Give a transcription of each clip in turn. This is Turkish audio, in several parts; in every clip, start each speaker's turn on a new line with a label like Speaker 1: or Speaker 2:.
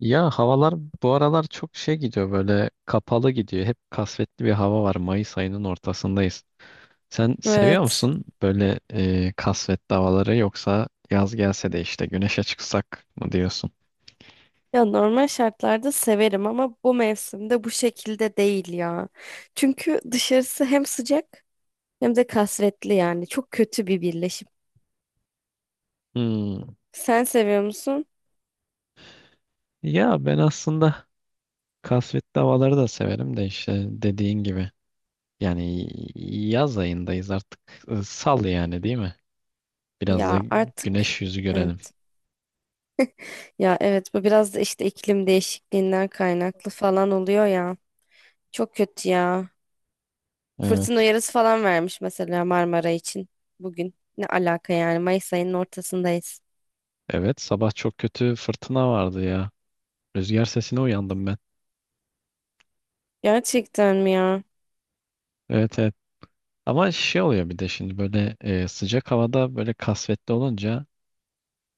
Speaker 1: Ya havalar bu aralar çok şey gidiyor, böyle kapalı gidiyor. Hep kasvetli bir hava var. Mayıs ayının ortasındayız. Sen seviyor
Speaker 2: Evet.
Speaker 1: musun böyle, kasvetli havaları, yoksa yaz gelse de işte güneşe çıksak mı diyorsun?
Speaker 2: Ya normal şartlarda severim ama bu mevsimde bu şekilde değil ya. Çünkü dışarısı hem sıcak hem de kasvetli yani. Çok kötü bir birleşim.
Speaker 1: Hmm.
Speaker 2: Sen seviyor musun?
Speaker 1: Ya ben aslında kasvetli havaları da severim de, işte dediğin gibi. Yani yaz ayındayız artık. Sal yani, değil mi? Biraz da
Speaker 2: Ya artık
Speaker 1: güneş yüzü görelim.
Speaker 2: evet. Ya evet, bu biraz da işte iklim değişikliğinden kaynaklı falan oluyor ya. Çok kötü ya. Fırtına
Speaker 1: Evet.
Speaker 2: uyarısı falan vermiş mesela Marmara için bugün. Ne alaka yani, Mayıs ayının ortasındayız.
Speaker 1: Evet, sabah çok kötü fırtına vardı ya. Rüzgar sesine uyandım ben.
Speaker 2: Gerçekten mi ya?
Speaker 1: Evet, evet. Ama şey oluyor, bir de şimdi böyle sıcak havada böyle kasvetli olunca,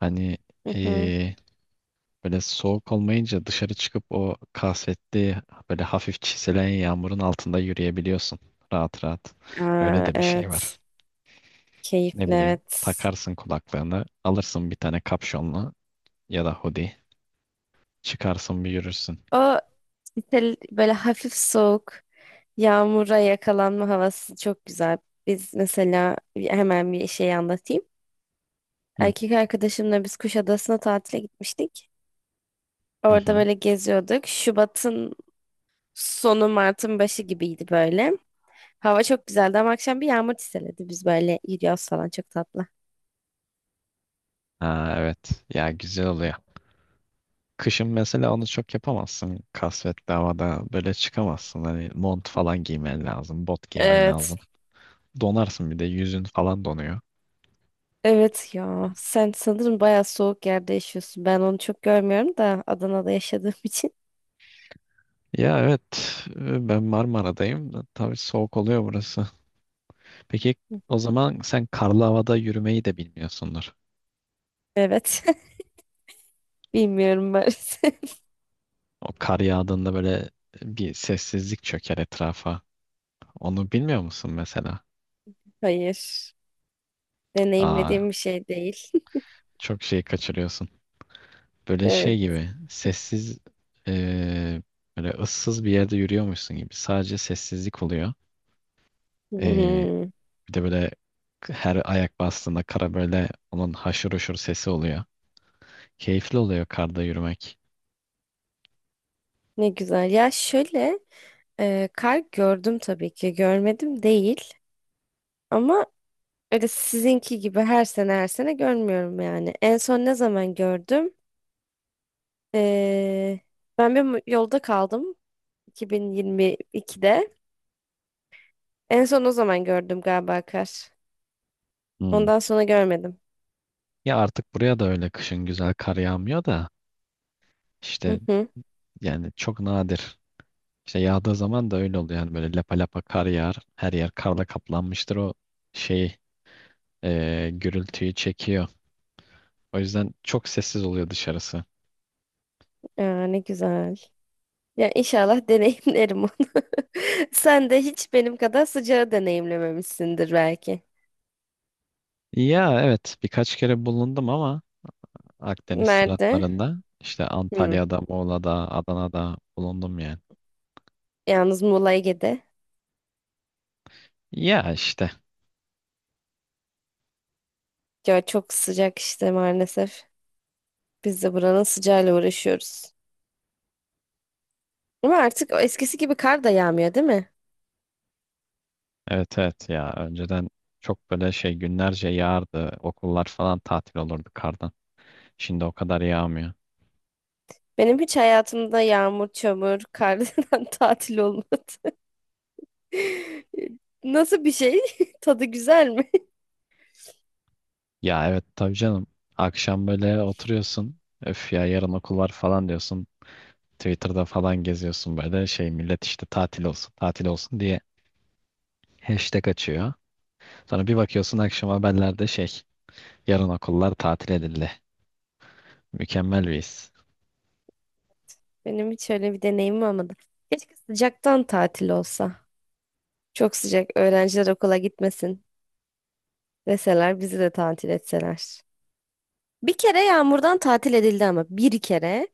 Speaker 1: hani,
Speaker 2: Hı hı.
Speaker 1: e, böyle soğuk olmayınca dışarı çıkıp o kasvetli, böyle hafif çiselen yağmurun altında yürüyebiliyorsun. Rahat rahat. Öyle
Speaker 2: Aa,
Speaker 1: de bir şey
Speaker 2: evet.
Speaker 1: var. Ne
Speaker 2: Keyifli,
Speaker 1: bileyim,
Speaker 2: evet.
Speaker 1: takarsın kulaklığını, alırsın bir tane kapşonlu ya da hoodie. Çıkarsın bir yürürsün.
Speaker 2: O işte böyle hafif soğuk, yağmura yakalanma havası çok güzel. Biz mesela hemen bir şey anlatayım.
Speaker 1: Hı
Speaker 2: Erkek arkadaşımla biz Kuşadası'na tatile gitmiştik.
Speaker 1: hı.
Speaker 2: Orada
Speaker 1: Hı.
Speaker 2: böyle geziyorduk. Şubat'ın sonu Mart'ın başı gibiydi böyle. Hava çok güzeldi ama akşam bir yağmur çiseledi. Biz böyle yürüyoruz falan, çok tatlı.
Speaker 1: Ha, evet ya, güzel oluyor. Kışın mesela onu çok yapamazsın. Kasvetli havada böyle çıkamazsın. Hani mont falan giymen lazım, bot giymen
Speaker 2: Evet.
Speaker 1: lazım. Donarsın, bir de yüzün falan donuyor.
Speaker 2: Evet ya. Sen sanırım bayağı soğuk yerde yaşıyorsun. Ben onu çok görmüyorum da Adana'da yaşadığım için.
Speaker 1: Ya evet, ben Marmara'dayım. Da Tabii soğuk oluyor burası. Peki o zaman sen karlı havada yürümeyi de bilmiyorsundur.
Speaker 2: Evet. Bilmiyorum maalesef.
Speaker 1: O kar yağdığında böyle bir sessizlik çöker etrafa. Onu bilmiyor musun mesela?
Speaker 2: Hayır.
Speaker 1: Aa,
Speaker 2: Deneyimlediğim bir şey değil.
Speaker 1: çok şey kaçırıyorsun. Böyle
Speaker 2: Evet.
Speaker 1: şey gibi sessiz, eee, böyle ıssız bir yerde yürüyormuşsun gibi. Sadece sessizlik oluyor. Eee,
Speaker 2: Hmm.
Speaker 1: Bir de böyle her ayak bastığında kara, böyle onun haşır huşur sesi oluyor. Keyifli oluyor karda yürümek.
Speaker 2: Ne güzel. Ya şöyle kar gördüm tabii ki. Görmedim değil. Ama öyle sizinki gibi her sene her sene görmüyorum yani. En son ne zaman gördüm? E, Ben bir yolda kaldım 2022'de. En son o zaman gördüm galiba kar.
Speaker 1: Hmm.
Speaker 2: Ondan sonra görmedim.
Speaker 1: Ya artık buraya da öyle kışın güzel kar yağmıyor da,
Speaker 2: Hı
Speaker 1: işte,
Speaker 2: hı.
Speaker 1: yani çok nadir. İşte yağdığı zaman da öyle oluyor. Yani böyle lapa lapa kar yağar. Her yer karla kaplanmıştır. O şey, gürültüyü çekiyor. O yüzden çok sessiz oluyor dışarısı.
Speaker 2: Aa, ne güzel. Ya inşallah deneyimlerim onu. Sen de hiç benim kadar sıcağı deneyimlememişsindir belki.
Speaker 1: Ya evet, birkaç kere bulundum ama Akdeniz
Speaker 2: Nerede?
Speaker 1: taraflarında, işte
Speaker 2: Hmm.
Speaker 1: Antalya'da, Muğla'da, Adana'da bulundum yani.
Speaker 2: Yalnız Muğla Ege'de.
Speaker 1: Ya işte
Speaker 2: Ya çok sıcak işte maalesef. Biz de buranın sıcağıyla uğraşıyoruz. Ama artık o eskisi gibi kar da yağmıyor değil mi?
Speaker 1: evet, evet ya, önceden çok böyle şey günlerce yağardı. Okullar falan tatil olurdu kardan. Şimdi o kadar yağmıyor.
Speaker 2: Benim hiç hayatımda yağmur, çamur, kardan tatil olmadı. Nasıl bir şey? Tadı güzel mi?
Speaker 1: Ya evet, tabii canım. Akşam böyle oturuyorsun. Öf ya, yarın okul var falan diyorsun. Twitter'da falan geziyorsun, böyle şey millet işte tatil olsun tatil olsun diye hashtag açıyor. Sonra bir bakıyorsun akşam haberlerde şey, yarın okullar tatil edildi. Mükemmel bir his.
Speaker 2: Benim hiç öyle bir deneyimim olmadı. Keşke sıcaktan tatil olsa. Çok sıcak. Öğrenciler okula gitmesin. Deseler, bizi de tatil etseler. Bir kere yağmurdan tatil edildi ama bir kere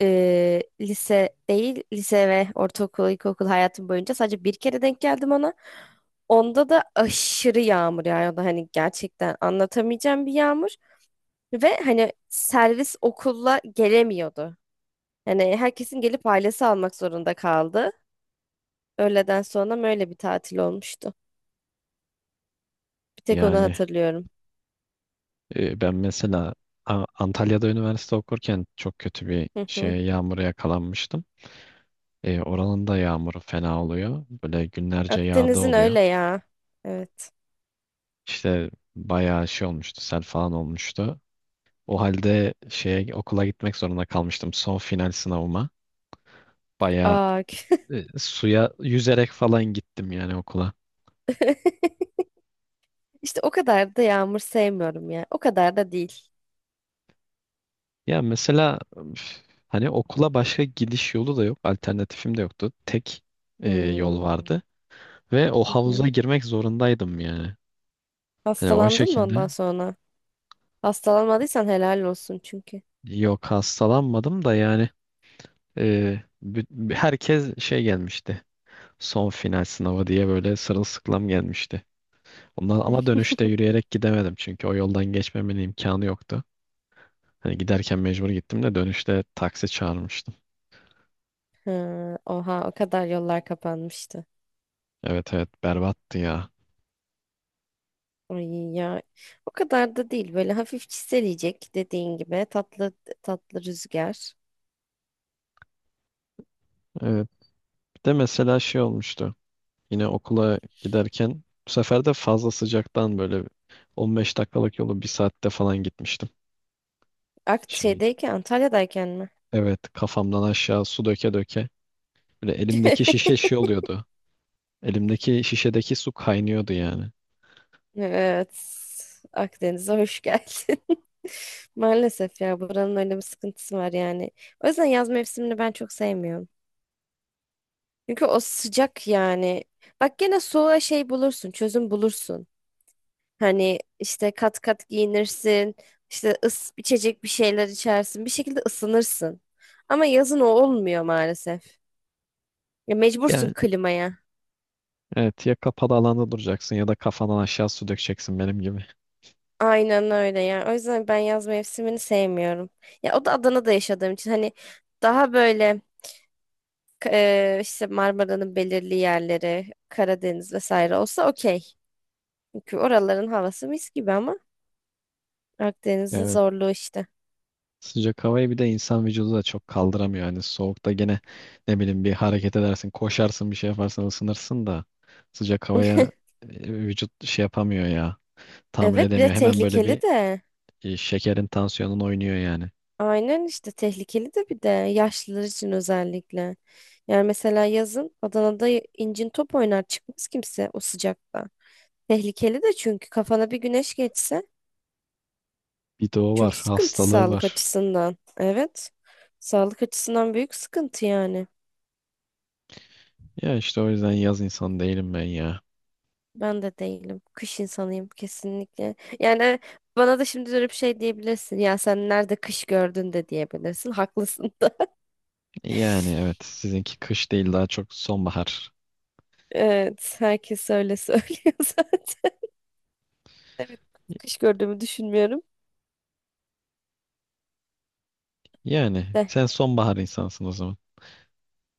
Speaker 2: lise değil, lise ve ortaokul, ilkokul hayatım boyunca sadece bir kere denk geldim ona. Onda da aşırı yağmur yağıyordu. Hani gerçekten anlatamayacağım bir yağmur. Ve hani servis okulla gelemiyordu. Yani herkesin gelip ailesi almak zorunda kaldı. Öğleden sonra böyle bir tatil olmuştu. Bir tek onu
Speaker 1: Yani,
Speaker 2: hatırlıyorum.
Speaker 1: ben mesela Antalya'da üniversite okurken çok kötü bir
Speaker 2: Hı hı.
Speaker 1: şeye, yağmura yakalanmıştım. Oranın da yağmuru fena oluyor. Böyle günlerce yağda
Speaker 2: Akdeniz'in
Speaker 1: oluyor.
Speaker 2: öyle ya. Evet.
Speaker 1: İşte bayağı şey olmuştu, sel falan olmuştu. O halde şeye, okula gitmek zorunda kalmıştım son final sınavıma. Bayağı,
Speaker 2: Aa,
Speaker 1: suya yüzerek falan gittim yani okula.
Speaker 2: işte o kadar da yağmur sevmiyorum ya. O kadar da değil.
Speaker 1: Ya mesela üf, hani okula başka gidiş yolu da yok, alternatifim de yoktu. Tek yol
Speaker 2: Hmm.
Speaker 1: vardı ve o
Speaker 2: Hı hı.
Speaker 1: havuza girmek zorundaydım yani. Hani o
Speaker 2: Hastalandın mı ondan
Speaker 1: şekilde
Speaker 2: sonra? Hastalanmadıysan helal olsun çünkü.
Speaker 1: yok, hastalanmadım da, yani herkes şey gelmişti. Son final sınavı diye böyle sırılsıklam gelmişti. Ondan, ama dönüşte yürüyerek gidemedim çünkü o yoldan geçmemenin imkanı yoktu. Hani giderken mecbur gittim de dönüşte taksi çağırmıştım.
Speaker 2: Ha, oha, o kadar yollar kapanmıştı.
Speaker 1: Evet evet, berbattı ya.
Speaker 2: Ay ya, o kadar da değil, böyle hafif çiseleyecek dediğin gibi, tatlı tatlı rüzgar.
Speaker 1: Evet, bir de mesela şey olmuştu. Yine okula giderken, bu sefer de fazla sıcaktan, böyle 15 dakikalık yolu bir saatte falan gitmiştim.
Speaker 2: Akt
Speaker 1: Şey,
Speaker 2: şeydeyken, Antalya'dayken mi?
Speaker 1: evet, kafamdan aşağı su döke döke. Böyle elimdeki şişe şey oluyordu. Elimdeki şişedeki su kaynıyordu yani.
Speaker 2: Evet. Akdeniz'e hoş geldin. Maalesef ya, buranın öyle bir sıkıntısı var yani. O yüzden yaz mevsimini ben çok sevmiyorum. Çünkü o sıcak yani. Bak, gene soğuğa şey bulursun, çözüm bulursun. Hani işte kat kat giyinirsin, işte ıs içecek bir şeyler içersin, bir şekilde ısınırsın. Ama yazın o olmuyor maalesef. Ya mecbursun
Speaker 1: Yani
Speaker 2: klimaya.
Speaker 1: evet ya, kapalı alanda duracaksın ya da kafandan aşağı su dökeceksin benim gibi.
Speaker 2: Aynen öyle ya. O yüzden ben yaz mevsimini sevmiyorum. Ya o da Adana'da yaşadığım için hani daha böyle işte Marmara'nın belirli yerleri, Karadeniz vesaire olsa okey. Çünkü oraların havası mis gibi ama Akdeniz'in
Speaker 1: Evet,
Speaker 2: zorluğu işte.
Speaker 1: sıcak havayı bir de insan vücudu da çok kaldıramıyor. Yani soğukta gene, ne bileyim, bir hareket edersin, koşarsın, bir şey yaparsan ısınırsın da sıcak havaya vücut şey yapamıyor ya, tahammül
Speaker 2: Evet, bir de
Speaker 1: edemiyor. Hemen böyle bir...
Speaker 2: tehlikeli de.
Speaker 1: Şekerin tansiyonun oynuyor yani.
Speaker 2: Aynen, işte tehlikeli de, bir de yaşlılar için özellikle. Yani mesela yazın Adana'da incin top oynar, çıkmaz kimse o sıcakta. Tehlikeli de, çünkü kafana bir güneş geçse
Speaker 1: Bir de o
Speaker 2: çok
Speaker 1: var,
Speaker 2: sıkıntı
Speaker 1: hastalığı
Speaker 2: sağlık
Speaker 1: var.
Speaker 2: açısından. Evet. Sağlık açısından büyük sıkıntı yani.
Speaker 1: Ya işte o yüzden yaz insanı değilim ben ya.
Speaker 2: Ben de değilim. Kış insanıyım kesinlikle. Yani bana da şimdi dönüp şey diyebilirsin. Ya sen nerede kış gördün de diyebilirsin. Haklısın.
Speaker 1: Yani evet, sizinki kış değil, daha çok sonbahar.
Speaker 2: Evet, herkes öyle söylüyor zaten. Evet, kış gördüğümü düşünmüyorum.
Speaker 1: Yani
Speaker 2: De,
Speaker 1: sen sonbahar insansın o zaman.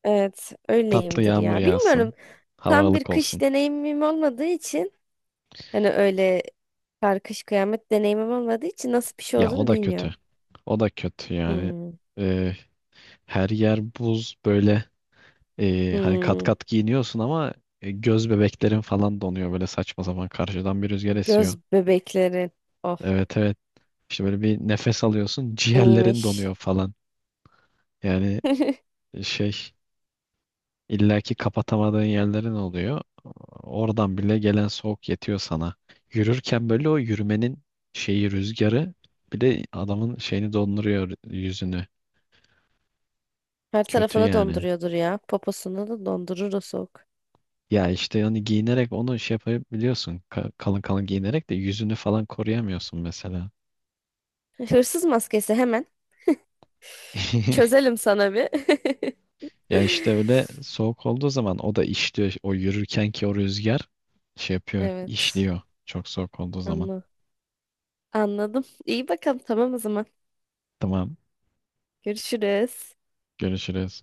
Speaker 2: evet,
Speaker 1: Tatlı
Speaker 2: öyleyimdir
Speaker 1: yağmur
Speaker 2: ya. Bilmiyorum.
Speaker 1: yağsın, hava
Speaker 2: Tam bir
Speaker 1: ılık
Speaker 2: kış
Speaker 1: olsun.
Speaker 2: deneyimim olmadığı için, hani öyle kar kış kıyamet deneyimim olmadığı için nasıl bir şey
Speaker 1: Ya o
Speaker 2: olduğunu
Speaker 1: da kötü.
Speaker 2: bilmiyorum.
Speaker 1: O da kötü yani.
Speaker 2: Hmm,
Speaker 1: Ee, Her yer buz böyle. Hani kat
Speaker 2: hmm.
Speaker 1: kat giyiniyorsun ama göz bebeklerin falan donuyor, böyle saçma zaman karşıdan bir rüzgar esiyor.
Speaker 2: Göz bebekleri. Oh,
Speaker 1: Evet evet. İşte böyle bir nefes alıyorsun ciğerlerin
Speaker 2: iyiymiş.
Speaker 1: donuyor falan. Yani şey, illaki kapatamadığın yerlerin oluyor. Oradan bile gelen soğuk yetiyor sana. Yürürken böyle o yürümenin şeyi, rüzgarı, bir de adamın şeyini donduruyor, yüzünü.
Speaker 2: Her
Speaker 1: Kötü
Speaker 2: tarafını
Speaker 1: yani.
Speaker 2: donduruyordur ya. Poposunu da dondurur o soğuk.
Speaker 1: Ya işte, hani giyinerek onu şey yapabiliyorsun. Kalın kalın giyinerek de yüzünü falan koruyamıyorsun mesela.
Speaker 2: Hırsız maskesi hemen. Çözelim sana bir.
Speaker 1: Ya işte öyle soğuk olduğu zaman o da işliyor. O yürürken ki, o rüzgar şey yapıyor,
Speaker 2: Evet.
Speaker 1: işliyor. Çok soğuk olduğu zaman.
Speaker 2: Anla. Anladım. İyi bakalım. Tamam o zaman.
Speaker 1: Tamam,
Speaker 2: Görüşürüz.
Speaker 1: görüşürüz.